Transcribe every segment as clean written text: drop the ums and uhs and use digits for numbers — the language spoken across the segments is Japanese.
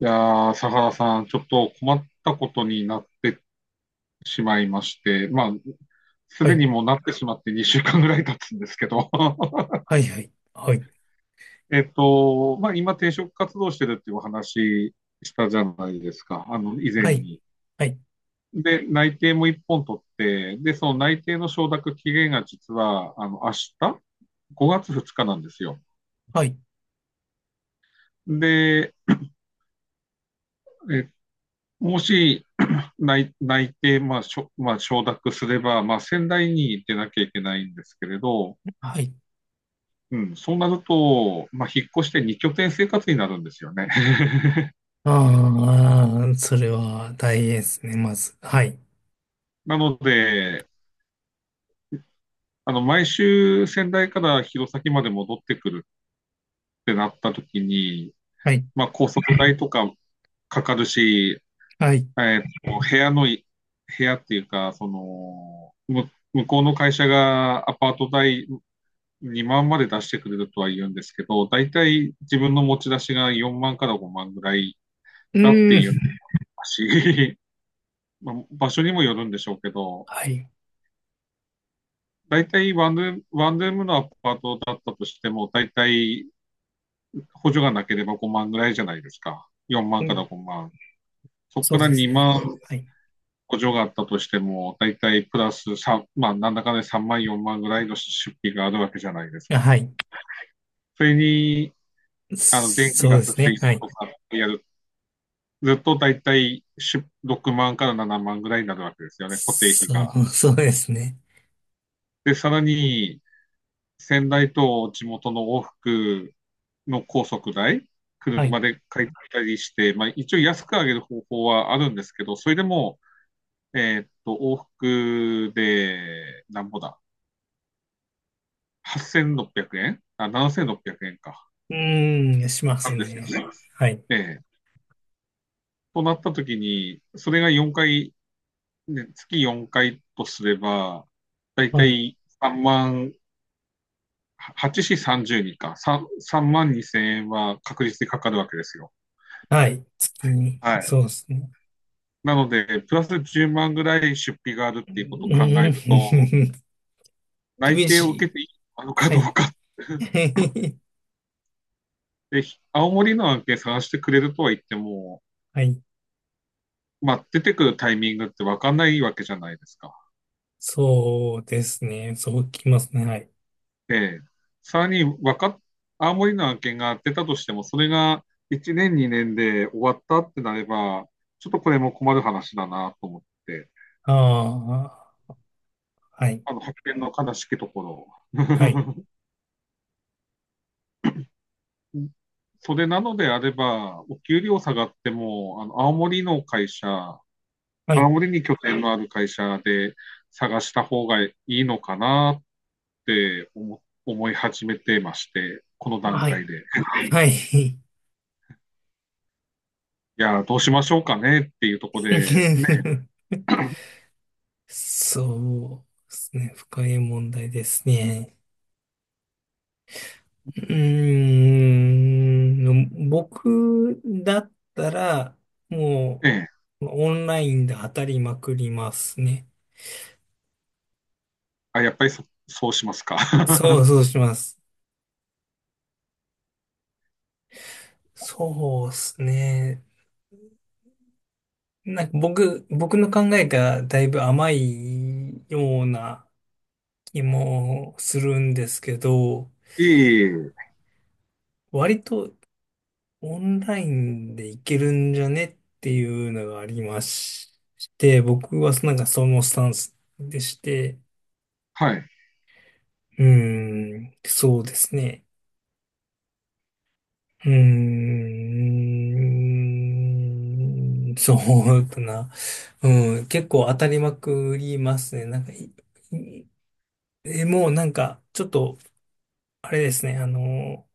いやー、佐原さん、ちょっと困ったことになってしまいまして、まあ、すはでい、にもうなってしまって2週間ぐらい経つんですけど、はい、はい、はい、まあ、今転職活動してるっていうお話したじゃないですか、あの、以前はい、に。はい、で、内定も1本取って、で、その内定の承諾期限が実は、あの、明日、5月2日なんですよ。はい、で、えもし内定、まあ、まあ、承諾すれば、まあ、仙台に出なきゃいけないんですけれど、はい。うん、そうなると、まあ、引っ越して2拠点生活になるんですよね。ああ、それは大変ですね、まず。はい、なので、あの、毎週仙台から弘前まで戻ってくるってなった時に、はい、まあ、高速代とかかかるし、はい。えーと、部屋のい、部屋っていうか、その、向こうの会社がアパート代2万まで出してくれるとは言うんですけど、大体自分の持ち出しが4万から5万ぐらいうだってー言ってん、ますし、まあ場所にもよるんでしょうけど、はい、大体ワンルームのアパートだったとしても、大体補助がなければ5万ぐらいじゃないですか。4う万からん、5万。そこそかうらですね。2万はい、補助があったとしても、大体プラス3、まあ、なんだかね3万、4万ぐらいの出費があるわけじゃないですあはか。い、それに、あの、電気そうガでス、す水ね。はい。道とかやるずっとだいたい6万から7万ぐらいになるわけですよね、固定費そが。う、そうですね。で、さらに、仙台と地元の往復の高速代、は車い。で借りたりして、まあ、一応安く上げる方法はあるんですけど、それでも、往復で、なんぼだ、8600円あ、7600円か、うーん、しまなすんですよね。ね。はい、ええとなった時に、それが4回、ね、月4回とすれば、だいはたい、い3万8市30人か、3, 三万2千円は確実にかかるわけですよ。はい。月に、はそい。うですね。なので、プラス10万ぐらい出費があるうっていうことを考えると、ーん、内厳定を受しけていいのい。かはどうい。かっ て、青森の案件探してくれるとは言っても、はい。まあ、出てくるタイミングって分かんないわけじゃないですか。そうですね。そうきますね。はい。で、さらにわかっ、青森の案件が出たとしても、それが1年、2年で終わったってなれば、ちょっとこれも困る話だなと思って、ああ、はい。あの発見の悲しきところ。はい。それなのであれば、お給料下がっても、は青い。森に拠点のある会社で探した方がいいのかなって思い始めてまして、この段はい。階で。はい。いや、どうしましょうかねっていうところで、ね、そうですね。深い問題ですね。うーん。僕だったら、もねう、オンラインで当たりまくりますね。あ、やっぱりそうしますか。そうそうします。そうですね。なんか僕の考えがだいぶ甘いような気もするんですけど、いえいえ、割とオンラインでいけるんじゃねっていうのがありまして、僕はなんかそのスタンスでして、はい、うーん、そうですね。うーん、そうだな。うん、結構当たりまくりますね。なんかい、いえもうなんか、ちょっと、あれですね、あの、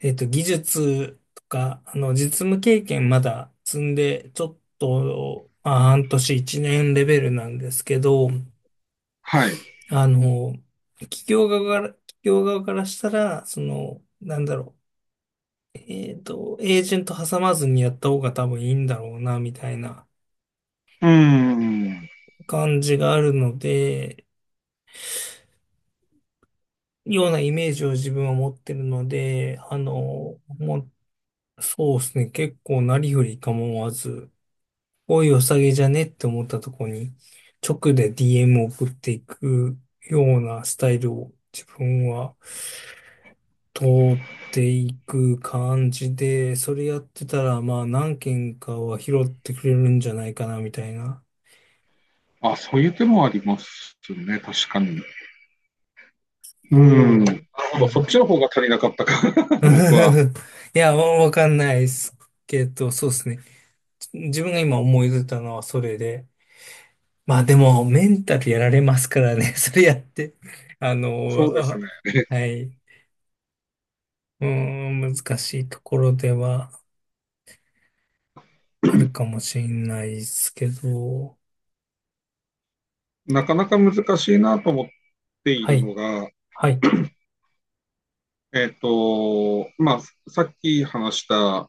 えっと、技術とか、あの、実務経験まだ積んで、ちょっと、まあ、半年一年レベルなんですけど、はい。うあの、企業側からしたら、その、なんだろう、えっと、エージェント挟まずにやった方が多分いいんだろうな、みたいなーん。感じがあるので、ようなイメージを自分は持ってるので、あの、もう、そうですね、結構なりふり構わず、おい、おさげじゃねって思ったとこに、直で DM を送っていくようなスタイルを自分は通っていく感じで、それやってたら、まあ何件かは拾ってくれるんじゃないかな、みたいな。あ、そういう手もありますね、確かに。うん。おなるう。ほうど。そっん。ちの方が足りなかったか。僕は。いや、わわかんないですけど、そうですね。自分が今思い出たのはそれで。まあでも、メンタルやられますからね、それやって。あの、そうですね。あ、はい。うーん、難しいところではあるかもしれないですけど、なかなか難しいなと思っていはるい、のが、はい、まあ、さっき話した、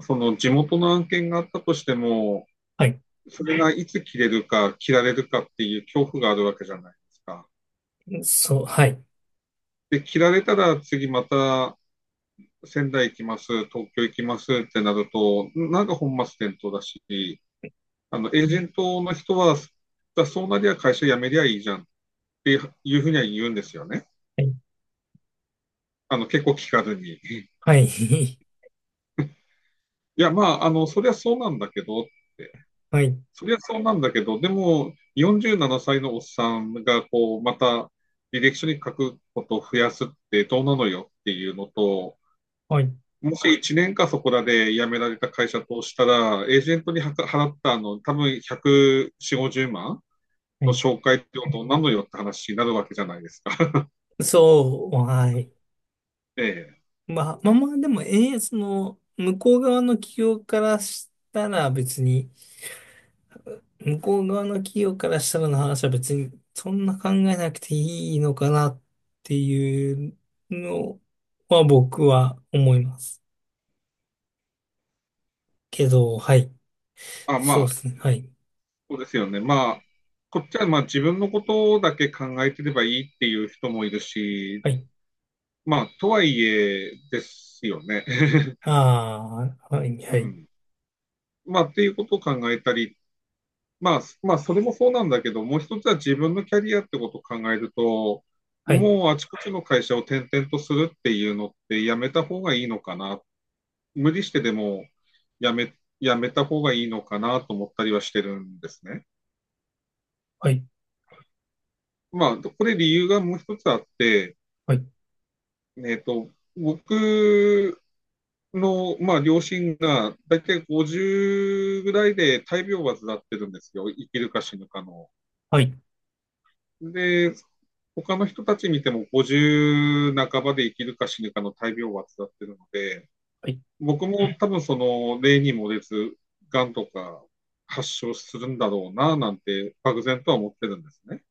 その地元の案件があったとしても、はい、それがいつ切れるか、切られるかっていう恐怖があるわけじゃないですか。そう、はい、で、切られたら次また仙台行きます、東京行きますってなると、なんか本末転倒だし、あの、エージェントの人は、だそうなりゃ会社辞めりゃいいじゃんっっていうふうには言うんですよね。はい、あの、結構聞かずに。いはい、や、まあ、あの、そりゃそうなんだけどって。はい、そりゃそうなんだけど、でも、47歳のおっさんが、こう、また、履歴書に書くことを増やすってどうなのよっていうのと、はい、もし1年かそこらで辞められた会社としたら、エージェントに払ったあの、多分140、5万はのい、紹介ってことなのよって話になるわけじゃないですか。そう、はい。ええまあ、まあまあ、でも、ええ、その、向こう側の企業からしたらの話は別に、そんな考えなくていいのかなっていうのは僕は思いますけど、はい、あ、まそうあ、ですね、はい。そうですよね。まあ、こっちはまあ自分のことだけ考えてればいいっていう人もいるし、はい。まあ、とはいえですよね。ああ、はい、うはい、ん。まあ、っていうことを考えたり、まあ、それもそうなんだけど、もう一つは自分のキャリアってことを考えると、はい、もうあちこちの会社を転々とするっていうのってやめた方がいいのかな。無理してでもやめ、やめた方がいいのかなと思ったりはしてるんですね。はい、まあ、これ理由がもう一つあって、はい、えっと、僕の、まあ、両親が、だいたい50ぐらいで大病を患ってるんですよ。生きるか死ぬかの。はい、で、他の人たち見ても50半ばで生きるか死ぬかの大病を患ってるので、はい。僕も多分その、例に漏れず、癌とか発症するんだろうな、なんて、漠然とは思ってるんですね。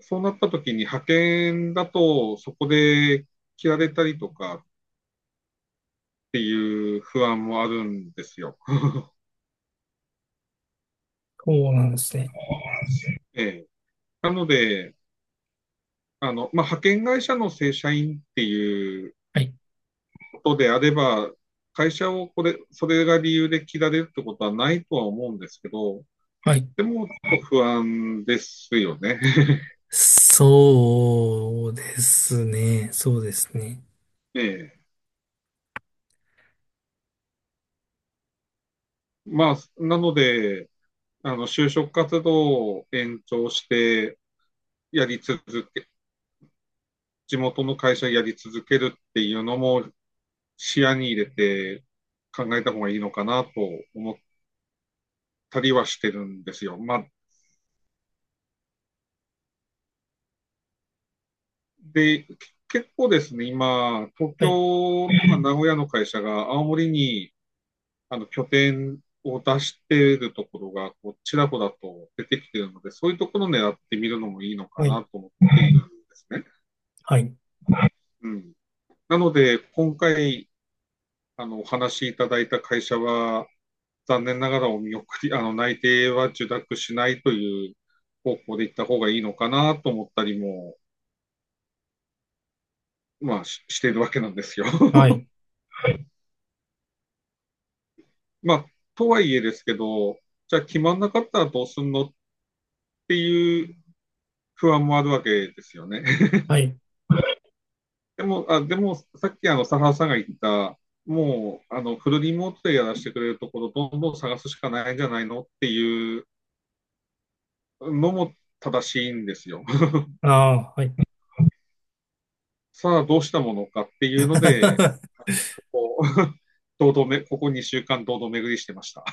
そうなった時に派遣だと、そこで切られたりとか、っていう不安もあるんですよ。そうなんですね。えなので、あの、まあ、派遣会社の正社員っていうはい、ことであれば、会社をこれ、それが理由で切られるってことはないとは思うんですけど、はい。でも、不安ですよね。そうですね。そうですね。ええ。まあ、なので、あの、就職活動を延長してやり続け、地元の会社やり続けるっていうのも視野に入れて考えた方がいいのかなと思たりはしてるんですよ。で、結構ですね、今、東はい、京とか名古屋の会社が青森にあの拠点を出しているところがこうちらほらと出てきているので、そういうところを狙ってみるのもいいのかはない、と思っているんですね。はい、うん、なので、今回あのお話しいただいた会社は、残念ながらお見送り、あの内定は受諾しないという方向で行った方がいいのかなと思ったりも、まあ、ししているわけなんですよ。はい、まあ、とはいえですけど、じゃあ決まんなかったらどうすんのっていう不安もあるわけですよね。はい。でも、あ、でも、さっきあの、佐原さんが言った、もう、あの、フルリモートでやらせてくれるところ、どんどん探すしかないんじゃないのっていうのも正しいんですよ。ああ、はい。さあ、どうしたものかっていうので、ここここ2週間堂々巡りしてました。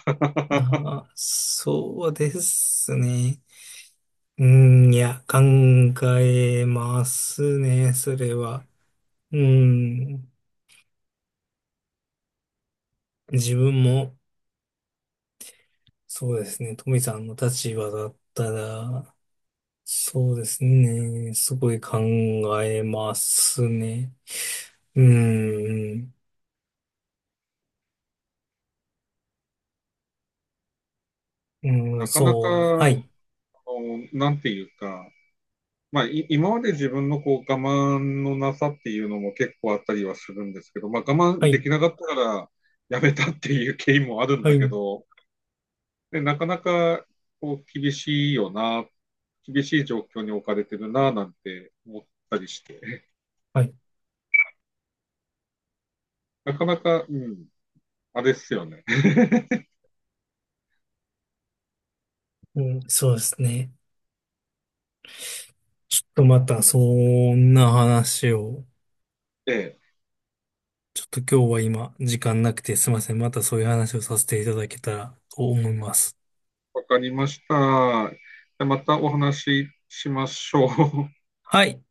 ああ、そうですね。うん、いや、考えますね、それは。うん、自分も、そうですね、富さんの立場だったら、そうですね。すごい考えますね。うーん。うん、なかなか、そう。あはい。の、なんていうか、まあ、今まで自分のこう我慢のなさっていうのも結構あったりはするんですけど、まあ、我は慢でい。きなかったからやめたっていう経緯もあるんはだけい。ど、でなかなかこう厳しいよな、厳しい状況に置かれてるななんて思ったりして、はい。なかなか、うん、あれっすよね。うん、そうですね。ちょっとまた、そんな話を、ええ、ちょっと今日は今、時間なくてすいません。またそういう話をさせていただけたらと思います。わかりました。じゃあまたお話ししましょう。はい。